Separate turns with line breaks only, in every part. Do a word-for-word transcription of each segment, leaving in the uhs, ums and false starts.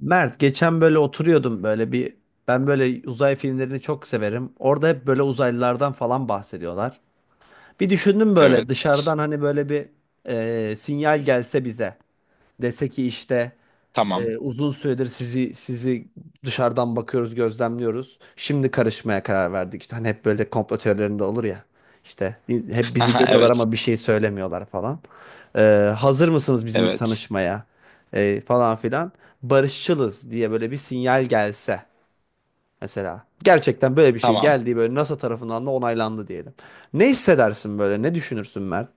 Mert geçen böyle oturuyordum böyle bir ben böyle uzay filmlerini çok severim. Orada hep böyle uzaylılardan falan bahsediyorlar. Bir düşündüm böyle
Evet.
dışarıdan hani böyle bir e, sinyal gelse bize dese ki işte
Tamam.
ee, uzun süredir sizi sizi dışarıdan bakıyoruz, gözlemliyoruz. Şimdi karışmaya karar verdik. İşte hani hep böyle komplo teorilerinde olur ya. İşte biz- hep bizi
Aha,
görüyorlar
evet.
ama bir şey söylemiyorlar falan. Ee, hazır mısınız bizimle
Evet.
tanışmaya? Ee, falan filan. Barışçılız diye böyle bir sinyal gelse mesela. Gerçekten böyle bir şey
Tamam.
geldiği böyle NASA tarafından da onaylandı diyelim. Ne hissedersin böyle? Ne düşünürsün Mert?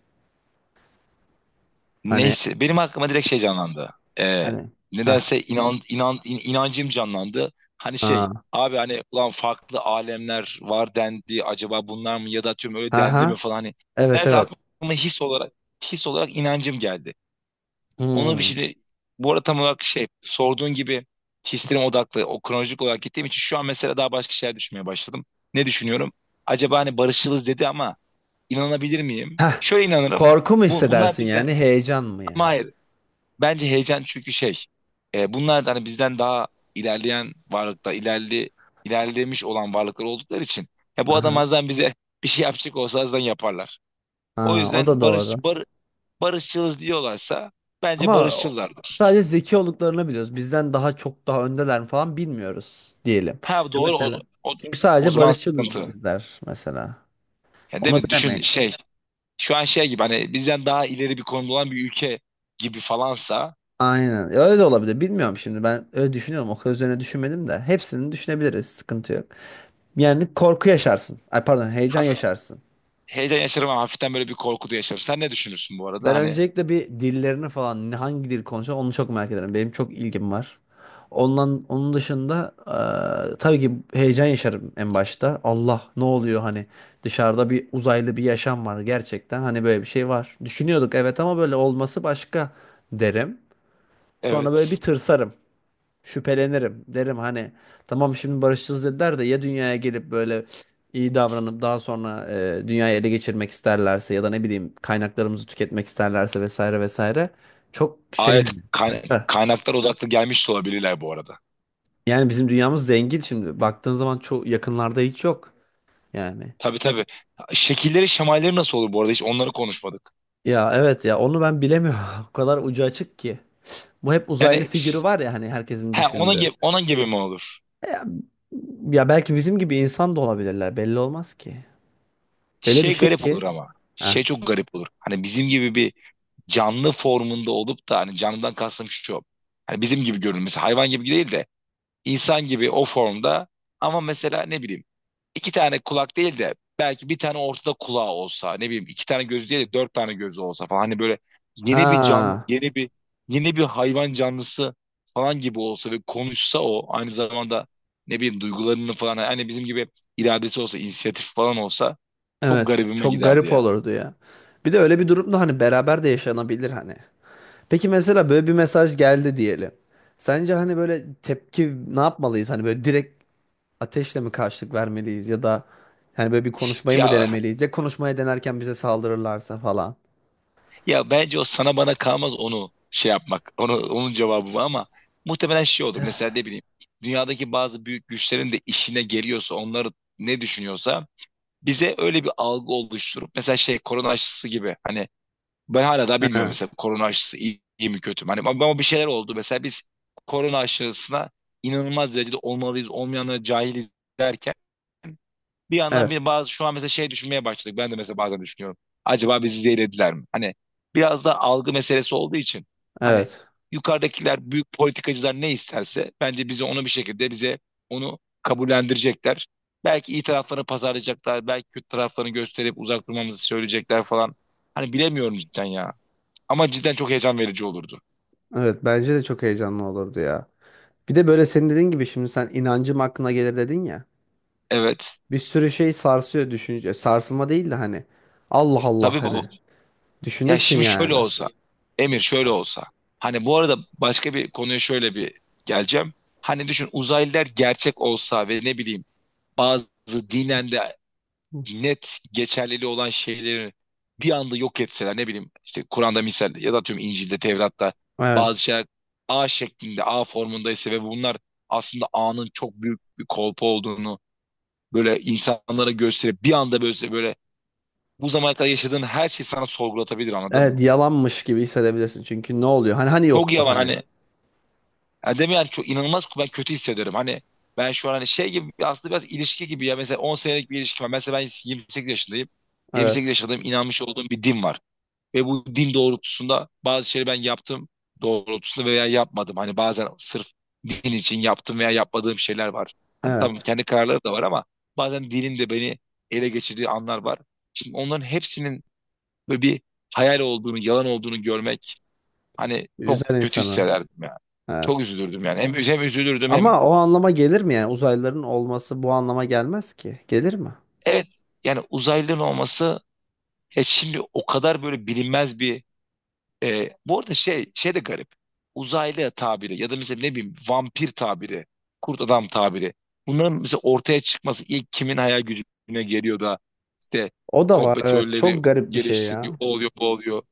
Hani
Neyse. Benim aklıma direkt şey canlandı. Ee,
hani ha
nedense inan, inan, in- inancım canlandı. Hani şey.
ha
Abi hani ulan farklı alemler var dendi. Acaba bunlar mı ya da tüm öyle
ha
dendi mi
ha
falan. Hani,
evet
nedense
evet.
aklıma his olarak his olarak inancım geldi. Onu bir
Hmm.
şey, bu arada tam olarak şey sorduğun gibi hislerim odaklı o kronolojik olarak gittiğim için şu an mesela daha başka şeyler düşünmeye başladım. Ne düşünüyorum? Acaba hani barışçılız dedi ama İnanabilir miyim?
Heh,
Şöyle inanırım.
korku mu
Bu, bunlar
hissedersin
bizden,
yani, heyecan mı
ama
yani?
hayır. Bence heyecan, çünkü şey. e, bunlar da hani bizden daha ilerleyen varlıkta ilerli ilerlemiş olan varlıklar oldukları için, ya bu adam
Aha.
azdan bize bir şey yapacak olsa azdan yaparlar. O
Ha, o da
yüzden barış
doğru.
bar, barışçılız diyorlarsa bence
Ama o-
barışçılardır.
sadece zeki olduklarını biliyoruz. Bizden daha çok daha öndeler mi falan bilmiyoruz diyelim.
Ha
Ya
doğru, o,
mesela.
o,
Çünkü
o
sadece
zaman sıkıntı.
barışçılızlar mesela.
Yani değil
Onu
mi? Düşün
bilemeyiz.
şey, şu an şey gibi, hani bizden daha ileri bir konumda olan bir ülke gibi falansa,
Aynen. Ya öyle de olabilir. Bilmiyorum şimdi. Ben öyle düşünüyorum. O kadar üzerine düşünmedim de. Hepsini düşünebiliriz. Sıkıntı yok. Yani korku yaşarsın. Ay pardon, heyecan
hafif
yaşarsın.
heyecan yaşarım ama hafiften böyle bir korku da yaşarım. Sen ne düşünürsün bu arada?
Ben
Hani.
öncelikle bir dillerini falan ne- hangi dil konuşuyor onu çok merak ederim. Benim çok ilgim var. Ondan onun dışında eee, tabii ki heyecan yaşarım en başta. Allah ne oluyor hani dışarıda bir uzaylı bir yaşam var gerçekten hani böyle bir şey var. Düşünüyorduk evet ama böyle olması başka derim. Sonra böyle bir
Evet.
tırsarım şüphelenirim. Derim hani tamam şimdi barışçılız dediler de ya dünyaya gelip böyle iyi davranıp daha sonra e, dünyayı ele geçirmek isterlerse ya da ne bileyim kaynaklarımızı tüketmek isterlerse vesaire vesaire çok şey
ayet
yani.
kaynaklar
Heh.
kaynaklara odaklı gelmiş de olabilirler bu arada.
Yani bizim dünyamız zengin şimdi baktığın zaman çok yakınlarda hiç yok yani.
Tabii, tabii. Şekilleri, şemalleri nasıl olur bu arada? Hiç onları konuşmadık.
Ya evet ya onu ben bilemiyorum. O kadar ucu açık ki. Bu hep uzaylı
Yani
figürü
ş-
var ya hani herkesin
he, ona
düşündüğü.
gibi, ona gibi mi olur?
Ya, ya belki bizim gibi insan da olabilirler belli olmaz ki. Öyle bir
Şey
şey
garip
ki.
olur ama.
Heh.
Şey çok garip olur. Hani bizim gibi bir canlı formunda olup da, hani canlıdan kastım şu. Hani bizim gibi görünmesi, hayvan gibi değil de insan gibi o formda, ama mesela ne bileyim iki tane kulak değil de belki bir tane ortada kulağı olsa, ne bileyim iki tane gözü değil de dört tane gözü olsa falan, hani böyle yeni bir canlı,
Ha,
yeni bir yeni bir hayvan canlısı falan gibi olsa ve konuşsa, o aynı zamanda ne bileyim duygularını falan hani bizim gibi, iradesi olsa, inisiyatif falan olsa, çok
evet.
garibime
Çok
giderdi
garip
ya.
olurdu ya. Bir de öyle bir durumda hani beraber de yaşanabilir hani. Peki mesela böyle bir mesaj geldi diyelim. Sence hani böyle tepki ne yapmalıyız? Hani böyle direkt ateşle mi karşılık vermeliyiz ya da hani böyle bir konuşmayı mı
Ya
denemeliyiz? Ya konuşmaya denerken bize saldırırlarsa falan.
ya bence o sana bana kalmaz, onu şey yapmak. Onu onun cevabı bu, ama muhtemelen şey olur. Mesela ne bileyim dünyadaki bazı büyük güçlerin de işine geliyorsa, onları ne düşünüyorsa bize öyle bir algı oluşturup, mesela şey korona aşısı gibi, hani ben hala daha bilmiyorum
Ee,
mesela korona aşısı iyi, iyi mi kötü mü, hani ama ama bir şeyler oldu. Mesela biz korona aşısına inanılmaz derecede olmalıyız, olmayanlara cahiliz derken, bir yandan
Evet,
bir bazı şu an mesela şey düşünmeye başladık. Ben de mesela bazen düşünüyorum. Acaba bizi zehirlediler mi? Hani biraz da algı meselesi olduğu için, hani
evet.
yukarıdakiler, büyük politikacılar ne isterse bence bize onu bir şekilde, bize onu kabullendirecekler. Belki iyi taraflarını pazarlayacaklar. Belki kötü taraflarını gösterip uzak durmamızı söyleyecekler falan. Hani bilemiyorum cidden ya. Ama cidden çok heyecan verici olurdu.
Evet, bence de çok heyecanlı olurdu ya. Bir de böyle senin dediğin gibi şimdi sen inancım aklına gelir dedin ya.
Evet.
Bir sürü şey sarsıyor düşünce. Sarsılma değil de hani. Allah Allah
Tabii
hani.
bu, ya
Düşünürsün
şimdi şöyle
yani.
olsa, Emir şöyle olsa. Hani bu arada başka bir konuya şöyle bir geleceğim. Hani düşün, uzaylılar gerçek olsa ve ne bileyim bazı dinen de net geçerliliği olan şeyleri bir anda yok etseler, ne bileyim işte Kur'an'da misal ya da tüm İncil'de, Tevrat'ta
Evet.
bazı şeyler A şeklinde, A formundaysa ve bunlar aslında A'nın çok büyük bir kolpa olduğunu böyle insanlara gösterip, bir anda böyle böyle bu zamana kadar yaşadığın her şeyi sana sorgulatabilir, anladın
Evet
mı?
yalanmış gibi hissedebilirsin. Çünkü ne oluyor? Hani hani
Çok
yoktu
yavan
hani.
hani. Yani değil mi, yani çok inanılmaz, ben kötü hissederim. Hani ben şu an hani şey gibi, aslında biraz ilişki gibi ya, mesela on senelik bir ilişki var. Mesela ben yirmi sekiz yaşındayım. yirmi sekiz
Evet.
yaşındayım, inanmış olduğum bir din var. Ve bu din doğrultusunda bazı şeyleri ben yaptım doğrultusunda veya yapmadım. Hani bazen sırf din için yaptım veya yapmadığım şeyler var. Hani tamam,
Evet.
kendi kararları da var, ama bazen dinin de beni ele geçirdiği anlar var. Şimdi onların hepsinin böyle bir hayal olduğunu, yalan olduğunu görmek, hani
Üzer
çok kötü
insanı.
hissederdim yani. Çok
Evet.
üzülürdüm yani. Hem, üz- hem üzülürdüm, hem
Ama o anlama gelir mi yani? Uzaylıların olması bu anlama gelmez ki. Gelir mi?
evet yani uzaylının olması, ya şimdi o kadar böyle bilinmez bir, e, bu arada şey şey de garip. Uzaylı tabiri ya da mesela ne bileyim vampir tabiri, kurt adam tabiri. Bunların mesela ortaya çıkması, ilk kimin hayal gücüne geliyor da işte
O da var. Evet. Çok
kompetörleri
garip bir şey
geliştiriyor,
ya.
o oluyor, bu oluyor.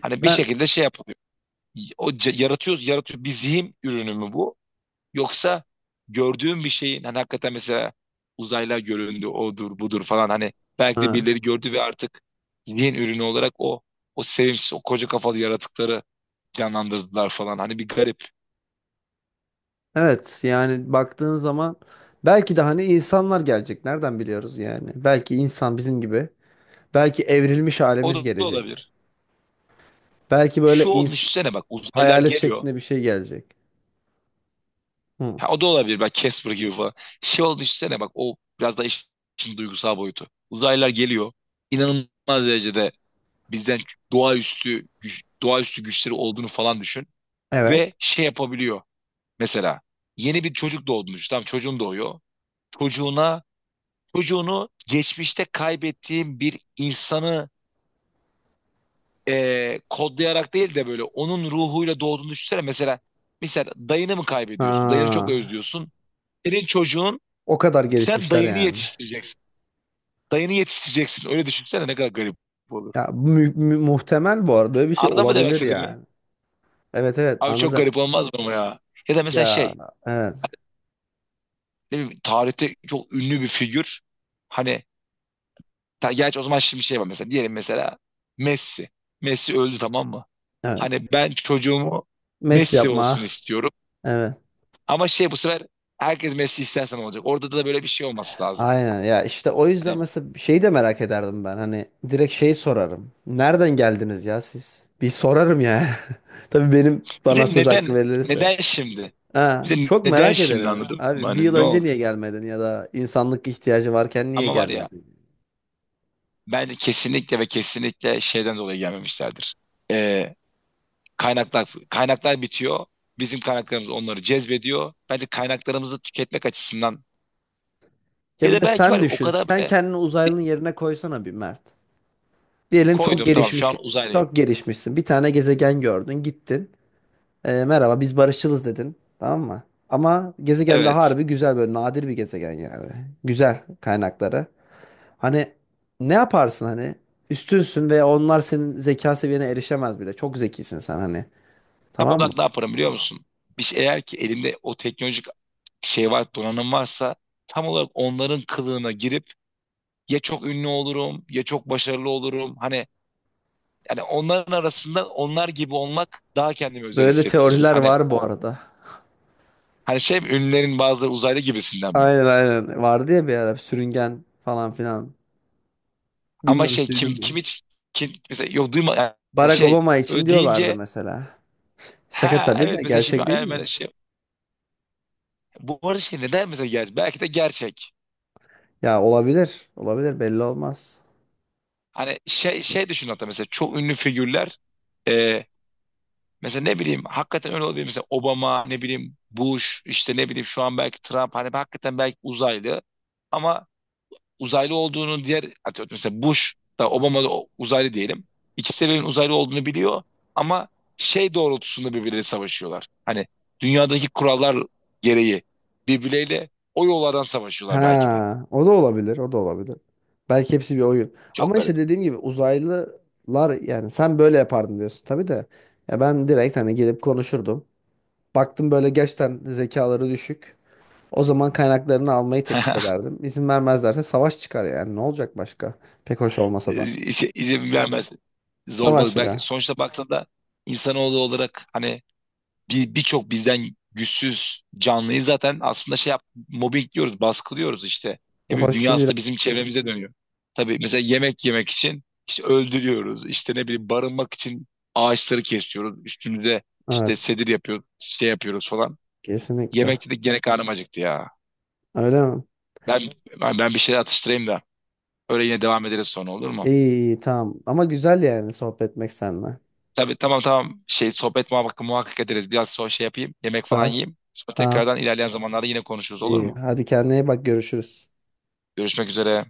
Hani bir
Ben
şekilde şey yapılıyor. O c- yaratıyoruz, yaratıyor. Bir zihin ürünü mü bu? Yoksa gördüğün bir şeyin, hani hakikaten mesela uzaylar göründü, odur budur falan, hani belki de
evet.
birileri gördü ve artık zihin ürünü olarak o o sevimsiz, o koca kafalı yaratıkları canlandırdılar falan. Hani bir garip.
Evet. Yani baktığın zaman belki de hani insanlar gelecek. Nereden biliyoruz yani? Belki insan bizim gibi. Belki evrilmiş
O
halimiz
da
gelecek.
olabilir.
Belki
Şu
böyle
olmuş
ins
düşünsene bak, uzaylılar
hayalet
geliyor.
şeklinde bir şey gelecek. Hı.
Ha, o da olabilir bak, Casper gibi falan. Şey olmuş düşünsene bak, o biraz da iş- işin duygusal boyutu. Uzaylılar geliyor. İnanılmaz derecede bizden doğaüstü güç, doğaüstü güçleri olduğunu falan düşün.
Evet.
Ve şey yapabiliyor. Mesela yeni bir çocuk doğdu. Tam çocuğun doğuyor. Çocuğuna çocuğunu geçmişte kaybettiğim bir insanı, eee, kodlayarak değil de böyle onun ruhuyla doğduğunu düşünsene. Mesela mesela dayını mı
Ha,
kaybediyorsun? Dayını çok özlüyorsun. Senin çocuğun,
o kadar
sen
gelişmişler
dayını
yani.
yetiştireceksin. Dayını yetiştireceksin. Öyle düşünsene, ne kadar garip olur.
Ya mü- mü- muhtemel bu arada böyle bir şey
Anladın mı demek
olabilir
istediğimi?
yani. Evet evet
Abi çok
anladım.
garip olmaz mı ama ya? Ya da mesela
Ya
şey,
evet
ne bileyim, tarihte çok ünlü bir figür. Hani Ta, gerçi o zaman şimdi şey var, mesela diyelim mesela Messi. Messi öldü, tamam mı?
evet.
Hani ben çocuğumu
Mes
Messi olsun
yapma.
istiyorum.
Evet.
Ama şey, bu sefer herkes Messi istersen olacak. Orada da böyle bir şey olması lazım.
Aynen ya işte o yüzden
Hani
mesela şeyi de merak ederdim ben. Hani direkt şey sorarım. Nereden geldiniz ya siz? Bir sorarım ya. Tabii benim
bir
bana
de
söz hakkı
neden
verilirse.
neden şimdi?
Ha,
Bir de
çok
neden
merak
şimdi,
ederim.
anladın mı?
Abi bir
Hani
yıl
ne
önce
oldu?
niye gelmedin ya da insanlık ihtiyacı varken niye
Ama var ya,
gelmedin?
bence kesinlikle ve kesinlikle şeyden dolayı gelmemişlerdir. Ee, kaynaklar kaynaklar bitiyor. Bizim kaynaklarımız onları cezbediyor. Bence kaynaklarımızı tüketmek açısından,
Ya
ya
bir
da
de
belki var
sen
ya, o
düşün.
kadar
Sen
böyle.
kendini uzaylının yerine koysana bir Mert. Diyelim çok
Koydum, tamam, şu
gelişmişsin.
an uzaylıyım.
Çok gelişmişsin. Bir tane gezegen gördün, gittin. Ee, merhaba biz barışçılız dedin. Tamam mı? Ama gezegen de
Evet.
harbi güzel böyle nadir bir gezegen yani. Güzel kaynakları. Hani ne yaparsın hani? Üstünsün ve onlar senin zeka seviyene erişemez bile. Çok zekisin sen hani.
Tam
Tamam mı?
olarak ne yaparım, biliyor musun? Bir şey, eğer ki elimde o teknolojik şey var, donanım varsa, tam olarak onların kılığına girip ya çok ünlü olurum ya çok başarılı olurum. Hani yani onların arasında onlar gibi olmak, daha kendimi özel
Böyle
hissettirir.
teoriler
Hani
var bu
o,
arada.
hani şey mi, ünlülerin bazıları uzaylı gibisinden mi?
Aynen aynen. Vardı ya bir ara sürüngen falan filan.
Ama
Bilmiyorum hiç
şey,
duydun
kim
mu?
kim hiç kim mesela, yok duyma, yani
Barack
şey,
Obama için
öyle
diyorlardı
deyince
mesela. Şaka
ha
tabii
evet,
de
mesela şimdi
gerçek değil
hayal- ben
mi?
şey, bu arada şey, neden mesela ger- belki de gerçek.
Ya olabilir. Olabilir belli olmaz.
Hani şey şey düşün, hatta mesela çok ünlü figürler, e, mesela ne bileyim hakikaten öyle olabilir. Mesela Obama, ne bileyim Bush, işte ne bileyim şu an belki Trump, hani hakikaten belki uzaylı, ama uzaylı olduğunu diğer atıyorum mesela Bush da Obama da o- uzaylı diyelim. İkisi de birbirinin uzaylı olduğunu biliyor, ama şey doğrultusunda birbirleriyle savaşıyorlar. Hani dünyadaki kurallar gereği birbirleriyle o yollardan savaşıyorlar belki de.
Ha, o da olabilir. O da olabilir. Belki hepsi bir oyun.
Çok
Ama
garip.
işte dediğim gibi uzaylılar yani sen böyle yapardın diyorsun tabii de. Ya ben direkt hani gelip konuşurdum. Baktım böyle gerçekten zekaları düşük. O zaman kaynaklarını almayı teklif ederdim. İzin vermezlerse savaş çıkar yani. Ne olacak başka? Pek hoş olmasa da.
e, şey, izin vermez.
Savaş
Zorbalık. Belki
çıkar.
sonuçta baktığında insanoğlu olarak, hani bir birçok bizden güçsüz canlıyı zaten aslında şey yap, mobbing diyoruz, baskılıyoruz işte. Ne
Bu
bileyim
hoş bir şey değil.
dünyası da bizim çevremize dönüyor. Tabii mesela yemek yemek için işte öldürüyoruz. İşte ne bileyim barınmak için ağaçları kesiyoruz. Üstümüze işte
Evet.
sedir yapıyoruz, şey yapıyoruz falan.
Kesinlikle.
Yemekte de gene karnım acıktı ya.
Öyle mi?
Ben, ben ben bir şeyler atıştırayım da öyle yine devam ederiz sonra, olur mu?
İyi, iyi, tamam. Ama güzel yani sohbet etmek seninle.
Tabii, tamam, tamam. Şey sohbet muhakkak muhakkak ederiz. Biraz sonra şey yapayım. Yemek falan
Tamam.
yiyeyim. Sonra
Tamam.
tekrardan ilerleyen zamanlarda yine konuşuruz, olur
İyi.
mu?
Hadi kendine iyi bak görüşürüz.
Görüşmek üzere.